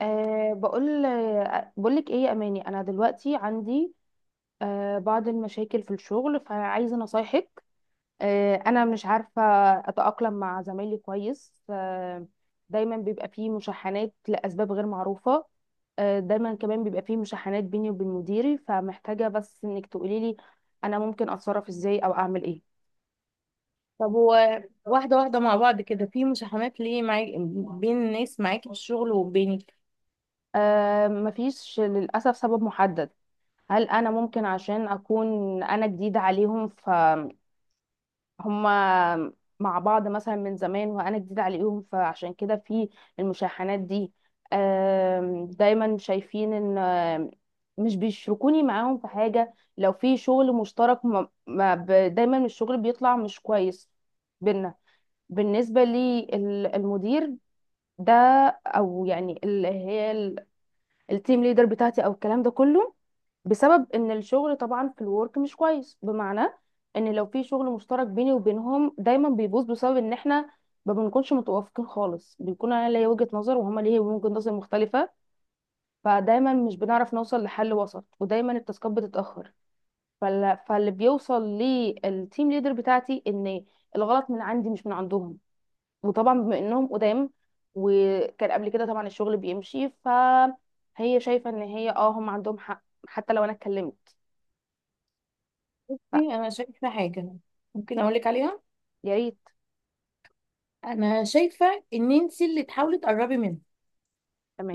أه بقول أه بقولك ايه يا اماني، انا دلوقتي عندي بعض المشاكل في الشغل، فعايزه نصايحك. انا مش عارفه اتاقلم مع زمايلي كويس. دايما بيبقى فيه مشاحنات لاسباب غير معروفه. دايما كمان بيبقى فيه مشاحنات بيني وبين مديري، فمحتاجه بس انك تقولي لي انا ممكن اتصرف ازاي او اعمل ايه. طب هو واحدة واحدة مع بعض كده في مشاحنات ليه معاك؟ بين الناس معاك في الشغل وبينك. مفيش للاسف سبب محدد. هل انا ممكن عشان اكون انا جديده عليهم هما مع بعض مثلا من زمان وانا جديده عليهم، فعشان كده في المشاحنات دي. دايما شايفين ان مش بيشركوني معاهم في حاجه. لو في شغل مشترك ما ما ب- دايما الشغل بيطلع مش كويس بينا. بالنسبه لي المدير ده، او يعني اللي هي التيم ليدر بتاعتي، او الكلام ده كله بسبب ان الشغل طبعا في الورك مش كويس. بمعنى ان لو في شغل مشترك بيني وبينهم دايما بيبوظ بسبب ان احنا ما بنكونش متوافقين خالص، بيكون انا ليا وجهة نظر وهما ليه وجهة نظر مختلفة، فدايما مش بنعرف نوصل لحل وسط، ودايما التاسكات بتتأخر. فاللي بيوصل للتيم ليدر بتاعتي ان الغلط من عندي مش من عندهم، وطبعا بما انهم قدام وكان قبل كده طبعا الشغل بيمشي، فهي شايفه ان هي اه هم عندهم حق حتى لو انا اتكلمت. بصي، أنا شايفة حاجة ممكن أقولك عليها. فيا ريت. أنا شايفة إن أنت اللي تحاولي تقربي منهم.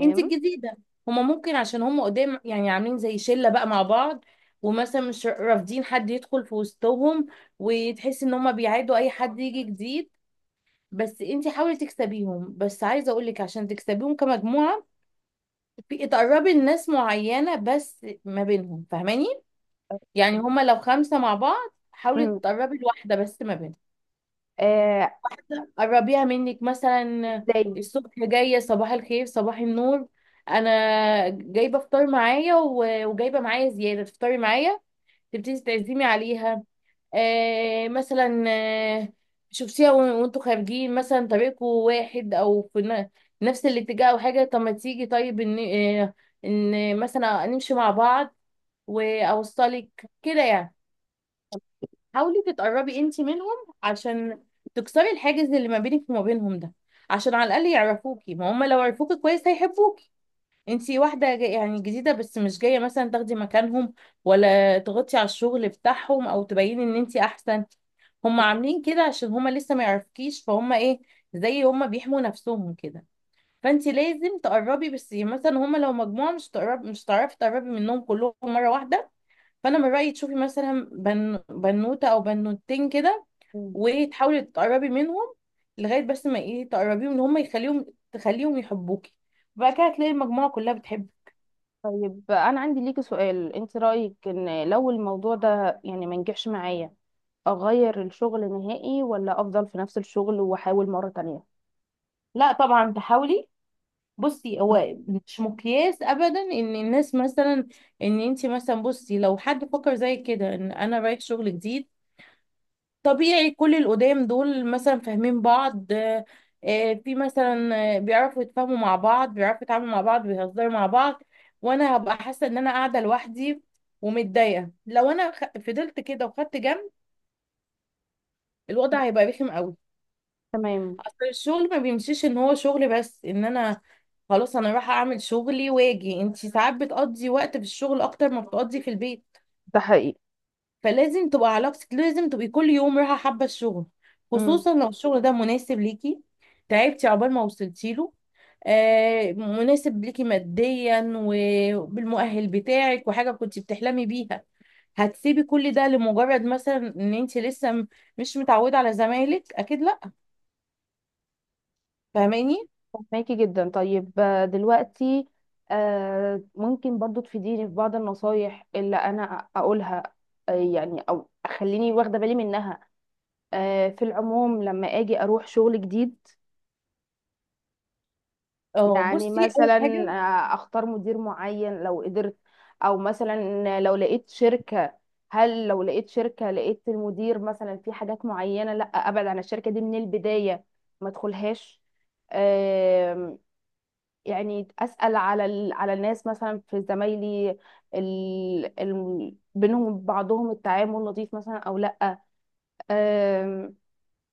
أنت الجديدة. هما ممكن عشان هما قدام يعني عاملين زي شلة بقى مع بعض، ومثلا مش رافضين حد يدخل في وسطهم، وتحسي إن هما بيعادوا أي حد يجي جديد. بس انت حاولي تكسبيهم، بس عايزه اقول لك عشان تكسبيهم كمجموعه، في تقربي الناس معينه بس ما بينهم، فاهماني؟ يعني هما لو خمسة مع بعض حاولي مم. تقربي لواحدة بس ما بينهم. آه. قربيها منك مثلا. ازاي؟ الصبح جاية صباح الخير صباح النور. أنا جايبة فطار معايا و- وجايبة معايا زيادة تفطري معايا. تبتدي تعزمي عليها. مثلا. آه شوفيها وان- وانتوا خارجين مثلا طريقكم واحد أو في نفس الاتجاه أو حاجة، طب ما تيجي طيب إن آه إن مثلا نمشي مع بعض وأوصلك كده يعني. حاولي تتقربي انتي منهم عشان تكسري الحاجز اللي ما بينك وما بينهم ده، عشان على الاقل يعرفوكي، ما هم لو عرفوكي كويس هيحبوكي. انتي واحده جاي يعني جديده بس مش جايه مثلا تاخدي مكانهم، ولا تغطي على الشغل بتاعهم او تبيني ان انتي احسن. هم عاملين كده عشان هم لسه ما يعرفكيش، فهم ايه زي هم بيحموا نفسهم كده. فانتي لازم تقربي، بس يعني مثلا هم لو مجموعه مش تقرب، مش هتعرفي تقربي منهم كلهم مره واحده. فانا من رايي تشوفي مثلا بنوته او بنوتين كده، مم. وتحاولي تقربي منهم لغايه بس ما ايه تقربيهم ان هم يخليهم تخليهم يحبوكي. بعد كده هتلاقي المجموعه كلها بتحبك. طيب، انا عندي ليكي سؤال، انت رايك ان لو الموضوع ده يعني ما نجحش معايا، اغير الشغل نهائي ولا افضل في نفس الشغل واحاول مره تانية؟ لا طبعا تحاولي. بصي مم. هو مش مقياس ابدا ان الناس مثلا، ان انت مثلا، بصي لو حد فكر زي كده ان انا رايح شغل جديد طبيعي كل القدام دول مثلا فاهمين بعض، في مثلا، بيعرفوا يتفاهموا مع بعض، بيعرفوا يتعاملوا مع بعض، بيهزروا مع بعض، وانا هبقى حاسه ان انا قاعده لوحدي ومتضايقه. لو انا فضلت كده وخدت جنب الوضع هيبقى رخم قوي. تمام. اصل الشغل ما بيمشيش ان هو شغل بس، ان انا خلاص انا رايحه اعمل شغلي واجي، انتي ساعات بتقضي وقت في الشغل اكتر ما بتقضي في البيت. ده حقيقي. فلازم تبقى علاقتك، لازم تبقي كل يوم رايحه حابه الشغل، مم. خصوصا لو الشغل ده مناسب ليكي. تعبتي عقبال ما وصلتي له. مناسب ليكي ماديا وبالمؤهل بتاعك وحاجه كنت بتحلمي بيها، هتسيبي كل ده لمجرد مثلا ان انت لسه مش متعوده على زمايلك؟ اكيد لا. فاهماني؟ فهماكي جدا. طيب، دلوقتي ممكن برضو تفيديني في بعض النصايح اللي انا اقولها، يعني او اخليني واخده بالي منها، في العموم لما اجي اروح شغل جديد. اه. يعني بصي اول مثلا حاجه، اختار مدير معين لو قدرت، او مثلا لو لقيت شركه. هل لو لقيت شركه لقيت المدير مثلا في حاجات معينه، لا ابعد عن الشركه دي من البدايه، ما ادخلهاش. يعني اسال على على الناس مثلا في زمايلي، بينهم وبعضهم التعامل لطيف مثلا او لا. أم...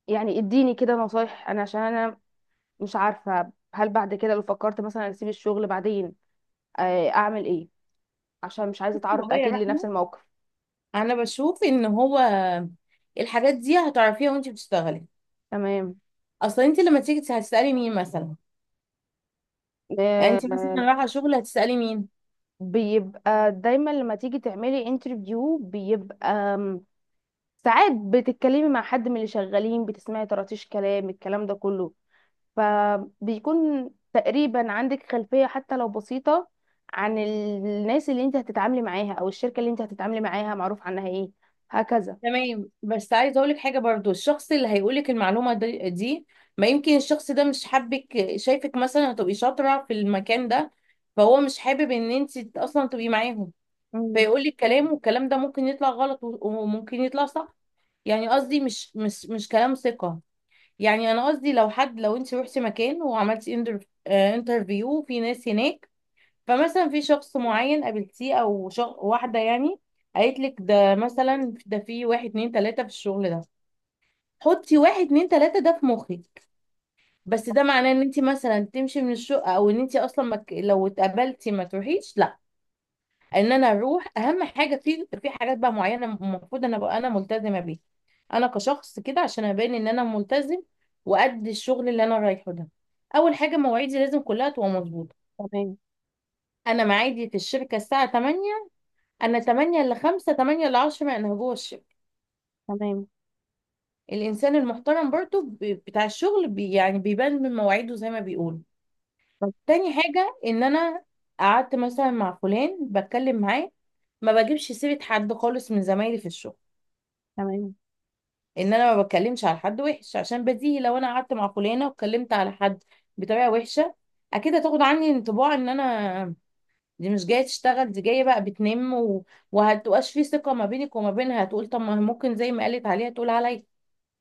يعني اديني كده نصايح انا، عشان انا مش عارفه هل بعد كده لو فكرت مثلا اسيب الشغل بعدين اعمل ايه، عشان مش عايزه بصي اتعرض والله يا اكيد لنفس رحمه، الموقف. انا بشوف ان هو الحاجات دي هتعرفيها وانت بتشتغلي. تمام. اصلا انت لما تيجي هتسالي مين مثلا، يعني انت مثلا آه، رايحه شغل هتسالي مين. بيبقى دايما لما تيجي تعملي انترفيو بيبقى ساعات بتتكلمي مع حد من اللي شغالين، بتسمعي طراطيش كلام، الكلام ده كله فبيكون تقريبا عندك خلفية حتى لو بسيطة عن الناس اللي انت هتتعاملي معاها او الشركة اللي انت هتتعاملي معاها معروف عنها ايه. هكذا. تمام. بس عايزه اقول لك حاجه برضو، الشخص اللي هيقول لك المعلومه دي ما يمكن الشخص ده مش حابك، شايفك مثلا هتبقي شاطره في المكان ده فهو مش حابب ان انت اصلا تبقي معاهم، امم. فيقول لك كلام والكلام ده ممكن يطلع غلط و- وممكن يطلع صح. يعني قصدي مش كلام ثقه. يعني انا قصدي لو حد، لو انت روحتي مكان وعملتي انترفيو في ناس هناك، فمثلا في شخص معين قابلتيه او واحده يعني قالت لك ده، مثلا ده في واحد اتنين تلاته في الشغل ده، حطي واحد اتنين تلاته ده في مخك، بس ده معناه ان انت مثلا تمشي من الشقه او ان انت اصلا ما لو اتقابلتي ما تروحيش؟ لا. ان انا اروح، اهم حاجه في حاجات بقى معينه المفروض انا ابقى انا ملتزمه بيها، انا كشخص كده عشان ابين ان انا ملتزم وقد الشغل اللي انا رايحه ده. اول حاجه، مواعيدي لازم كلها تبقى مظبوطه. تمام. انا معادي في الشركه الساعه 8، انا 8 ل 5 8 ل 10 ما انهجوش. تمام. الانسان المحترم برضو بتاع الشغل يعني بيبان من مواعيده زي ما بيقولوا. طب. تاني حاجة ان انا قعدت مثلا مع فلان بتكلم معاه، ما بجيبش سيرة حد خالص من زمايلي في الشغل، تمام. ان انا ما بتكلمش على حد وحش، عشان بديهي لو انا قعدت مع فلانة واتكلمت على حد بطريقة وحشة اكيد هتاخد عني انطباع ان انا دي مش جاية تشتغل، دي جاية بقى بتنم، وهتبقاش في ثقة ما بينك وما بينها، هتقول طب ما ممكن زي ما قالت عليها تقول عليا.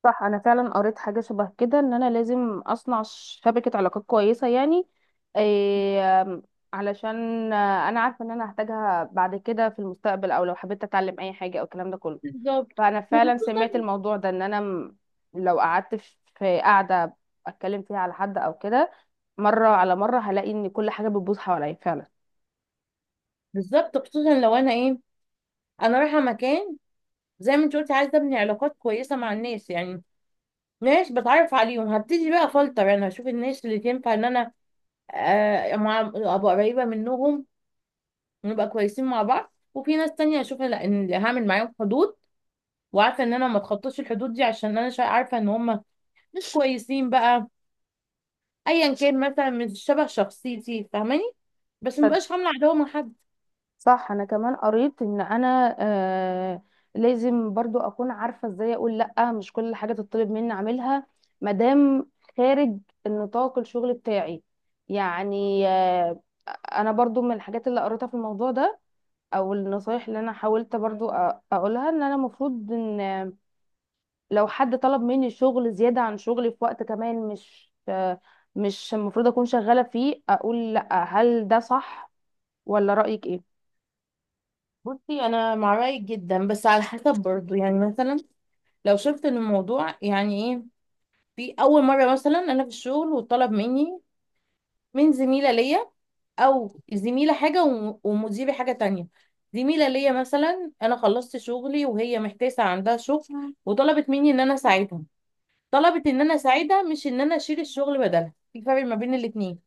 صح، انا فعلا قريت حاجة شبه كده ان انا لازم اصنع شبكة علاقات كويسة، يعني إيه، علشان انا عارفة ان انا هحتاجها بعد كده في المستقبل، او لو حبيت اتعلم اي حاجة او الكلام ده كله. بالظبط، فانا فعلا وخصوصا، سمعت الموضوع ده، ان انا. لو قعدت في قاعده اتكلم فيها على حد او كده، مره على مره هلاقي ان كل حاجه بتبوظ حواليا فعلا. بالظبط خصوصا لو انا ايه، انا رايحه مكان زي ما انت قلتي عايزه ابني علاقات كويسه مع الناس، يعني ناس بتعرف عليهم هبتدي بقى فلتر، انا هشوف الناس اللي تنفع ان انا مع ابقى قريبه منهم ونبقى كويسين مع بعض، وفي ناس تانية هشوف لا، ان هعمل معاهم حدود وعارفه ان انا ما اتخطاش الحدود دي عشان انا عارفه ان هم مش كويسين بقى، ايا كان مثلا مش شبه شخصيتي، فاهماني؟ بس صد- مبقاش عامله عداوه مع حد. صح، انا كمان قريت ان انا لازم برضو اكون عارفه ازاي اقول لا، مش كل حاجه تطلب مني اعملها مادام خارج النطاق الشغل بتاعي. يعني انا برضو من الحاجات اللي قريتها في الموضوع ده، او النصايح اللي انا حاولت برضو اقولها، ان انا المفروض ان لو حد طلب مني شغل زيادة عن شغلي في وقت كمان مش المفروض أكون شغالة فيه، أقول لأ. هل ده صح ولا رأيك إيه؟ بصي انا مع رايك جدا بس على حسب برضو. يعني مثلا لو شفت ان الموضوع يعني ايه، في اول مره مثلا انا في الشغل وطلب مني من زميله ليا، او زميله حاجه وم- ومديري حاجه تانية. زميله ليا مثلا انا خلصت شغلي وهي محتاسه عندها شغل وطلبت مني ان انا اساعدها، طلبت ان انا اساعدها مش ان انا اشيل الشغل بدلها، في فرق ما بين الاتنين.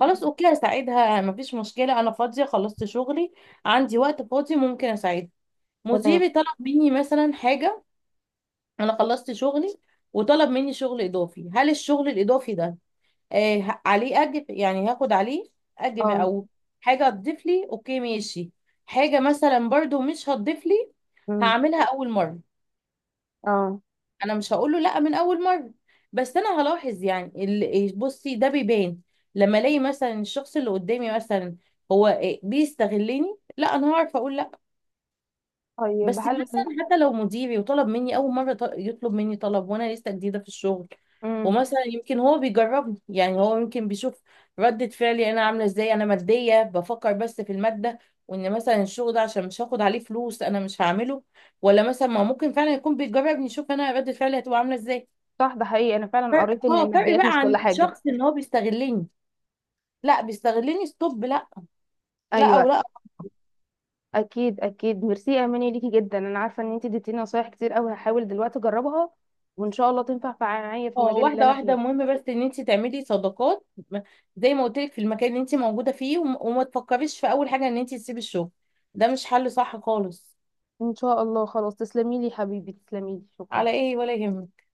خلاص اوكي هساعدها مفيش مشكله، انا فاضيه خلصت شغلي عندي وقت فاضي ممكن اساعدها. تمام. مديري طلب مني مثلا حاجة، أنا خلصت شغلي وطلب مني شغل إضافي، هل الشغل الإضافي ده عليه أجر؟ يعني هاخد عليه أجر اه. أو حاجة هتضيف لي؟ أوكي ماشي. حاجة مثلا برضو مش هتضيف لي أمم. هعملها أول مرة، اه. أنا مش هقول له لأ من أول مرة، بس أنا هلاحظ. يعني ال- إيه، بصي ده بيبان لما ألاقي مثلا الشخص اللي قدامي مثلا هو بيستغلني، لا أنا هعرف أقول. طيب، بس مثلا حتى لو مديري وطلب مني اول مره يطلب مني طلب وانا لسه جديده في الشغل، امم. ومثلا يمكن هو بيجربني، يعني هو يمكن بيشوف ردة فعلي انا عامله ازاي، انا ماديه بفكر بس في الماده وان مثلا الشغل ده عشان مش هاخد عليه فلوس انا مش هعمله، ولا مثلا ما ممكن فعلا يكون بيجربني يشوف انا ردة فعلي هتبقى عامله ازاي. صح، ده حقيقي، أنا فعلا فرق، قريت إن اه، فرق الماديات بقى مش كل عن حاجة. الشخص ان هو بيستغلني، لا بيستغلني ستوب، لا. لا او أيوه. لا أكيد، أكيد، ميرسي يا أماني، ليكي جدا، أنا عارفة إن أنتي اديتيني نصايح كتير أوي، هحاول دلوقتي أجربها وإن شاء الله تنفع معايا في اه، المجال اللي واحدة أنا واحدة، فيه. المهم بس ان انت تعملي صداقات زي ما قلت لك في المكان اللي انت موجودة فيه، وم- وما تفكريش في اول حاجة ان انت تسيبي الشغل، ده مش حل صح خالص. إن شاء الله، خلاص، تسلميلي حبيبي، تسلميلي، شكرا. على ايه، ولا يهمك.